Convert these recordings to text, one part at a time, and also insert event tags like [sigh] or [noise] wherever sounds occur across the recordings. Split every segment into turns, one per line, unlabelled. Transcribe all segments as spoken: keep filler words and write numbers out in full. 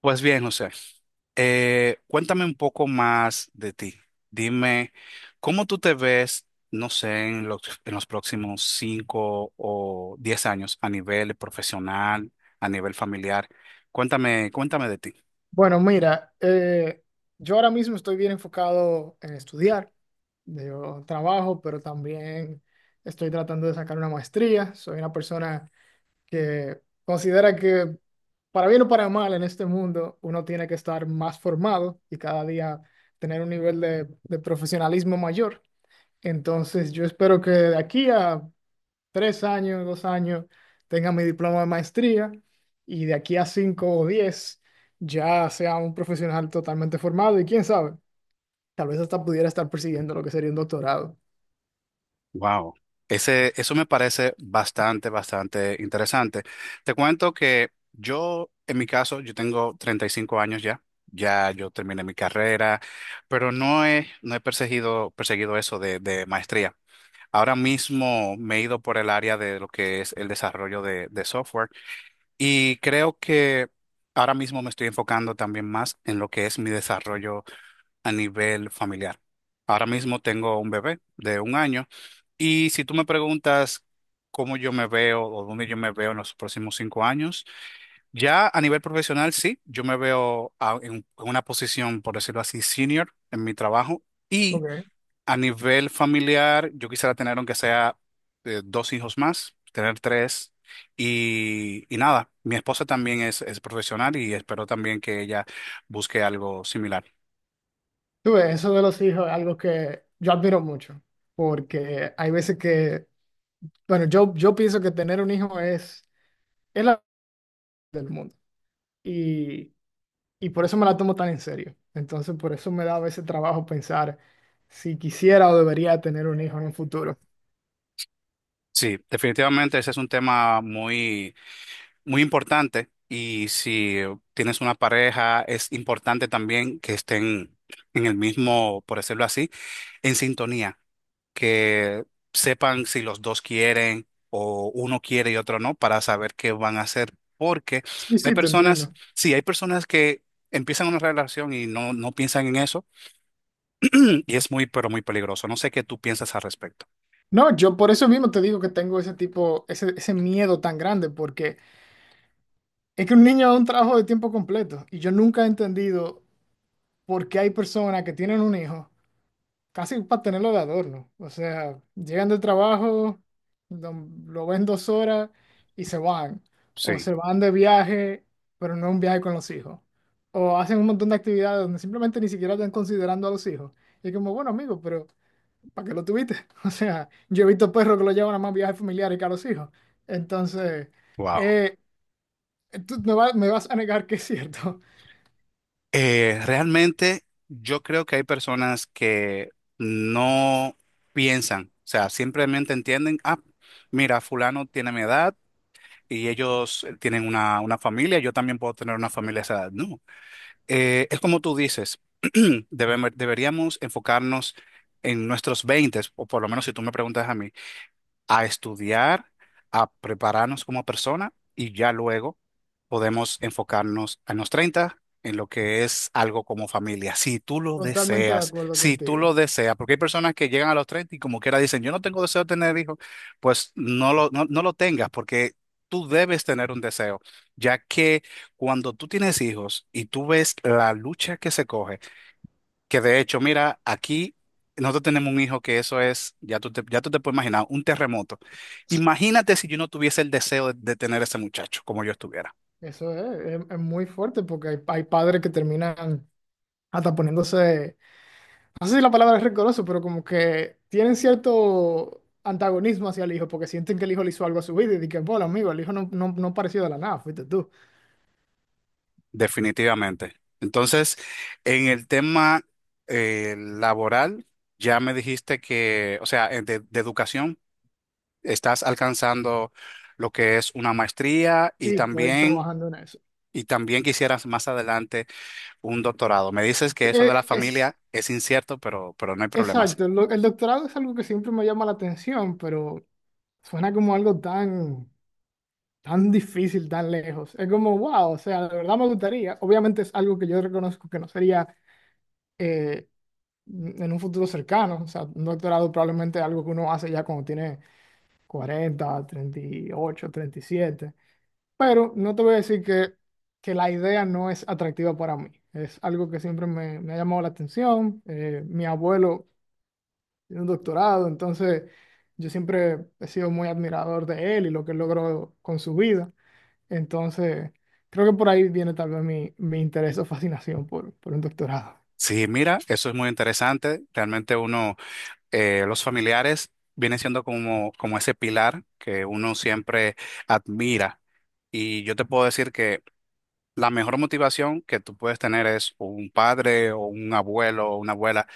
Pues bien, José, eh, cuéntame un poco más de ti. Dime, ¿cómo tú te ves, no sé, en los, en los próximos cinco o diez años a nivel profesional, a nivel familiar? Cuéntame, cuéntame de ti.
Bueno, mira, eh, yo ahora mismo estoy bien enfocado en estudiar. Yo trabajo, pero también estoy tratando de sacar una maestría. Soy una persona que considera que para bien o para mal en este mundo uno tiene que estar más formado y cada día tener un nivel de, de profesionalismo mayor. Entonces, yo espero que de aquí a tres años, dos años, tenga mi diploma de maestría y de aquí a cinco o diez ya sea un profesional totalmente formado y quién sabe, tal vez hasta pudiera estar persiguiendo lo que sería un doctorado.
Wow. Ese, eso me parece bastante, bastante interesante. Te cuento que yo, en mi caso, yo tengo treinta y cinco años ya. Ya yo terminé mi carrera, pero no he, no he perseguido, perseguido eso de, de maestría. Ahora mismo me he ido por el área de lo que es el desarrollo de, de software y creo que ahora mismo me estoy enfocando también más en lo que es mi desarrollo a nivel familiar. Ahora mismo tengo un bebé de un año y si tú me preguntas cómo yo me veo o dónde yo me veo en los próximos cinco años, ya a nivel profesional sí, yo me veo a- en en una posición, por decirlo así, senior en mi trabajo. Y
Ok.
a nivel familiar, yo quisiera tener, aunque sea eh, dos hijos más, tener tres. Y, y nada, mi esposa también es, es profesional y espero también que ella busque algo similar.
Tú ves, eso de los hijos es algo que yo admiro mucho, porque hay veces que, bueno, yo, yo pienso que tener un hijo es, es la del mundo y, y por eso me la tomo tan en serio. Entonces, por eso me da a veces trabajo pensar si quisiera o debería tener un hijo en un futuro.
Sí, definitivamente ese es un tema muy, muy importante y si tienes una pareja, es importante también que estén en el mismo, por decirlo así, en sintonía. Que sepan si los dos quieren o uno quiere y otro no para saber qué van a hacer. Porque
Sí,
hay
sí, te
personas,
entiendo.
sí, hay personas que empiezan una relación y no, no piensan en eso [clears throat] y es muy, pero muy peligroso. No sé qué tú piensas al respecto.
No, yo por eso mismo te digo que tengo ese tipo, ese, ese miedo tan grande, porque es que un niño es un trabajo de tiempo completo y yo nunca he entendido por qué hay personas que tienen un hijo casi para tenerlo de adorno. O sea, llegan del trabajo, lo, lo ven dos horas y se van. O se
Sí,
van de viaje, pero no un viaje con los hijos. O hacen un montón de actividades donde simplemente ni siquiera están considerando a los hijos. Y es como, bueno, amigo, pero ¿para qué lo tuviste? [laughs] O sea, yo he visto perros que lo llevan a más viajes familiares que a los hijos. Entonces,
wow.
eh, tú me vas, me vas a negar que es cierto.
Eh, realmente yo creo que hay personas que no piensan, o sea, simplemente entienden, ah, mira, fulano tiene mi edad y ellos eh, tienen una, una familia, yo también puedo tener una familia a esa edad. No. Eh, es como tú dices, [clears throat] debem- deberíamos enfocarnos en nuestros veinte, o por lo menos si tú me preguntas a mí, a estudiar, a prepararnos como persona y ya luego podemos enfocarnos a los treinta en lo que es algo como familia, si tú
[laughs]
lo
Totalmente de
deseas,
acuerdo
si tú lo
contigo.
deseas, porque hay personas que llegan a los treinta y como quiera dicen, yo no tengo deseo de tener hijos, pues no lo, no, no lo tengas porque tú debes tener un deseo, ya que cuando tú tienes hijos y tú ves la lucha que se coge, que de hecho, mira, aquí nosotros tenemos un hijo que eso es, ya tú te, ya tú te puedes imaginar, un terremoto. Imagínate si yo no tuviese el deseo de, de tener ese muchacho como yo estuviera.
Eso es, es, es muy fuerte porque hay, hay padres que terminan hasta poniéndose, no sé si la palabra es rencoroso, pero como que tienen cierto antagonismo hacia el hijo porque sienten que el hijo le hizo algo a su vida y dicen, bueno, amigo, el hijo no, no, no pareció de la nada, fuiste tú.
Definitivamente. Entonces, en el tema eh, laboral, ya me dijiste que, o sea, eh, de, de educación. Estás alcanzando lo que es una maestría y
Sí, estoy
también,
trabajando en eso.
y también quisieras más adelante un doctorado. Me dices que eso de
Eh,
la
Es,
familia es incierto, pero, pero no hay problemas. Sí,
Exacto, el, do- el doctorado es algo que siempre me llama la atención, pero suena como algo tan, tan difícil, tan lejos. Es como, wow, o sea, de verdad me gustaría. Obviamente es algo que yo reconozco que no sería eh, en un futuro cercano. O sea, un doctorado probablemente es algo que uno hace ya cuando tiene cuarenta, treinta y ocho, treinta y siete. Pero no te voy a decir que, que la idea no es atractiva para mí. Es algo que siempre me, me ha llamado la atención. Eh, mi abuelo tiene un doctorado, entonces yo siempre he sido muy admirador de él y lo que él logró con su vida. Entonces, creo que por ahí viene tal vez mi, mi interés o fascinación por, por un doctorado.
sí, mira, eso es muy interesante. Realmente uno, eh, los familiares vienen siendo como, como ese pilar que uno siempre admira. Y yo te puedo decir que la mejor motivación que tú puedes tener es un padre o un abuelo o una abuela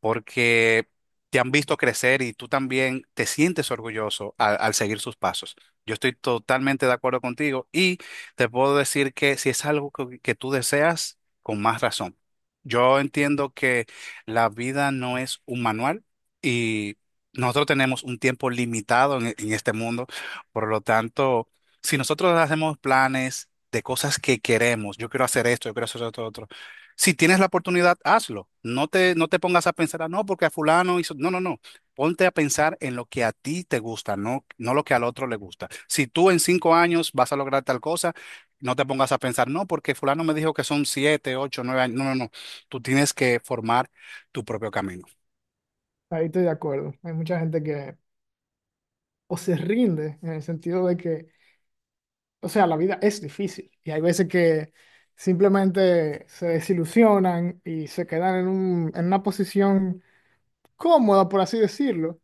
porque te han visto crecer y tú también te sientes orgulloso al, al seguir sus pasos. Yo estoy totalmente de acuerdo contigo y te puedo decir que si es algo que, que tú deseas, con más razón. Yo entiendo que la vida no es un manual y nosotros tenemos un tiempo limitado en, en este mundo, por lo tanto, si nosotros hacemos planes de cosas que queremos, yo quiero hacer esto, yo quiero hacer esto otro si tienes la oportunidad, hazlo. No te, no te pongas a pensar, "Ah, no, porque a fulano hizo. No, no, no. Ponte a pensar en lo que a ti te gusta, no, no lo que al otro le gusta. Si tú en cinco años vas a lograr tal cosa, no te pongas a pensar, no, porque fulano me dijo que son siete, ocho, nueve años. No, no, no. Tú tienes que formar tu propio camino.
Ahí estoy de acuerdo. Hay mucha gente que o se rinde en el sentido de que, o sea, la vida es difícil y hay veces que simplemente se desilusionan y se quedan en un, en una posición cómoda, por así decirlo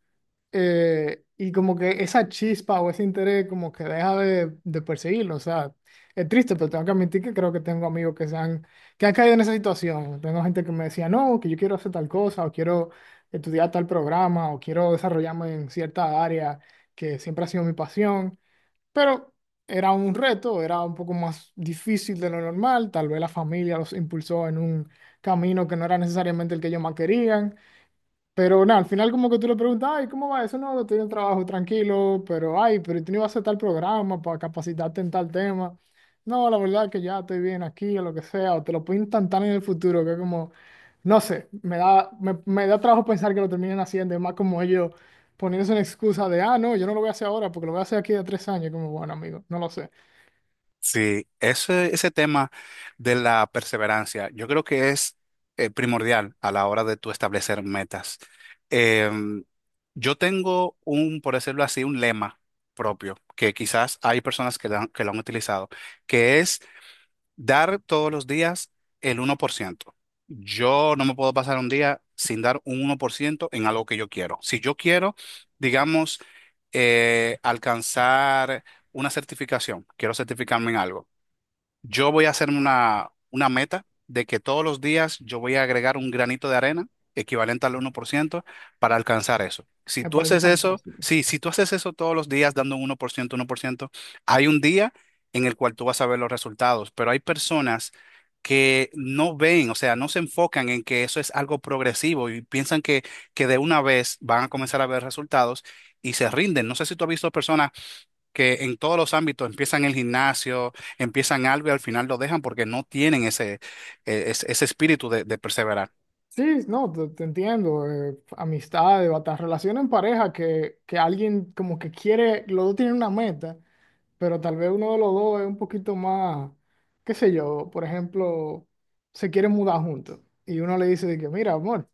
eh, y como que esa chispa o ese interés como que deja de, de perseguirlo. O sea, es triste, pero tengo que admitir que creo que tengo amigos que se han, que han caído en esa situación. Tengo gente que me decía, no, que yo quiero hacer tal cosa, o quiero estudiar tal programa, o quiero desarrollarme en cierta área que siempre ha sido mi pasión. Pero era un reto, era un poco más difícil de lo normal. Tal vez la familia los impulsó en un camino que no era necesariamente el que ellos más querían. Pero nada, al final como que tú le preguntas, ay, ¿cómo va eso? No, estoy en el trabajo tranquilo, pero ay, pero tú no ibas a hacer tal programa para capacitarte en tal tema. No, la verdad que ya estoy bien aquí o lo que sea, o te lo pintan tan en el futuro que es como, no sé, me da, me, me da trabajo pensar que lo terminen haciendo, es más como ellos poniéndose una excusa de, ah, no, yo no lo voy a hacer ahora porque lo voy a hacer aquí de tres años, como, bueno, amigo, no lo sé,
Sí, ese, ese tema de la perseverancia, yo creo que es eh, primordial a la hora de tú establecer metas. Em, yo tengo un, por decirlo así, un lema propio, que quizás hay personas que, lo han- que lo han utilizado, que es dar todos los días el uno por ciento. Yo no me puedo pasar un día sin dar un uno por ciento en algo que yo quiero. Si yo quiero, digamos, eh, alcanzar una certificación, quiero certificarme en algo. Yo voy a hacerme una, una meta de que todos los días yo voy a agregar un granito de arena equivalente al uno por ciento para alcanzar eso. Si
me
tú
parece
haces eso,
fantástico.
sí, si tú haces eso todos los días dando un uno por ciento, uno por ciento, hay un día en el cual tú vas a ver los resultados, pero hay personas que no ven, o sea, no se enfocan en que eso es algo progresivo y piensan que, que de una vez van a comenzar a ver resultados y se rinden. No sé si tú has visto personas que en todos los ámbitos empiezan el gimnasio, empiezan algo y al final lo dejan porque no tienen ese, eh, ese, ese espíritu de, de perseverar.
Sí, no, te, te entiendo. eh, amistades, hasta relaciones en pareja que, que alguien como que quiere, los dos tienen una meta, pero tal vez uno de los dos es un poquito más, qué sé yo, por ejemplo, se quieren mudar juntos y uno le dice de que, mira, amor,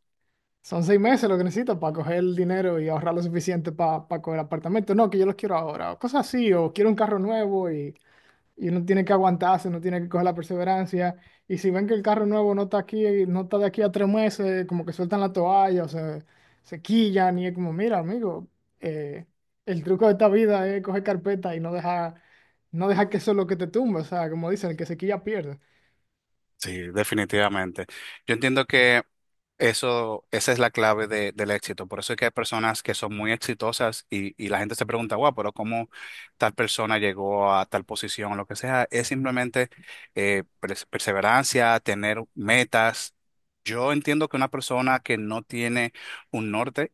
son seis meses lo que necesito para coger el dinero y ahorrar lo suficiente para coger apartamento. No, que yo los quiero ahora, o cosas así, o quiero un carro nuevo y uno tiene que aguantarse, uno tiene que coger la perseverancia. Y si ven que el carro nuevo no está aquí, no está de aquí a tres meses, como que sueltan la toalla, o se, se quillan y es como, mira, amigo, eh, el truco de esta vida es coger carpeta y no dejar, no dejar que eso es lo que te tumba. O sea, como dicen, el que se quilla pierde.
Sí, definitivamente. Yo entiendo que eso, esa es la clave de- del éxito. Por eso es que hay personas que son muy exitosas y, y la gente se pregunta, wow, pero ¿cómo tal persona llegó a tal posición o lo que sea? Es simplemente eh, pers- perseverancia, tener metas. Yo entiendo que una persona que no tiene un norte.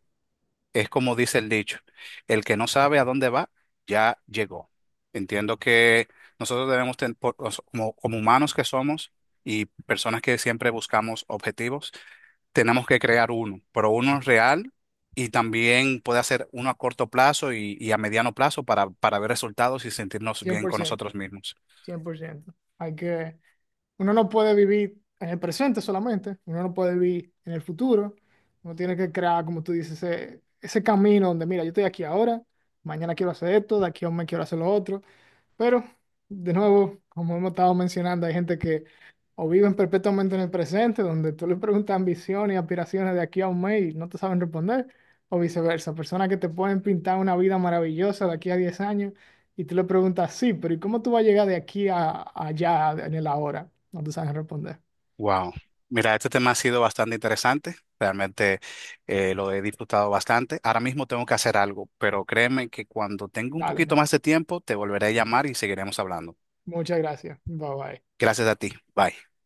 Es como dice el dicho, el que no sabe a dónde va, ya llegó. Entiendo que nosotros debemos, ten- por- os- como, como humanos que somos y personas que siempre buscamos objetivos, tenemos que crear uno, pero uno real y también puede hacer uno a corto plazo y, y a mediano plazo para, para ver resultados y sentirnos
cien
bien
por
con
ciento
nosotros mismos.
Cien por ciento. Hay que, Uno no puede vivir en el presente solamente, uno no puede vivir en el futuro, uno tiene que crear, como tú dices, ese, ese camino donde, mira, yo estoy aquí ahora, mañana quiero hacer esto, de aquí a un mes quiero hacer lo otro, pero de nuevo, como hemos estado mencionando, hay gente que o viven perpetuamente en el presente, donde tú le preguntas ambiciones y aspiraciones de aquí a un mes y no te saben responder, o viceversa, personas que te pueden pintar una vida maravillosa de aquí a diez años y tú le preguntas, sí, pero ¿y cómo tú vas a llegar de aquí a, a allá en el ahora? No te saben responder.
Wow. Mira, este tema ha sido bastante interesante. Realmente eh, lo he disfrutado bastante. Ahora mismo tengo que hacer algo, pero créeme que cuando tenga un poquito
Dale,
más de tiempo, te volveré a llamar y seguiremos hablando.
muchas gracias. Bye bye.
Gracias a ti. Bye.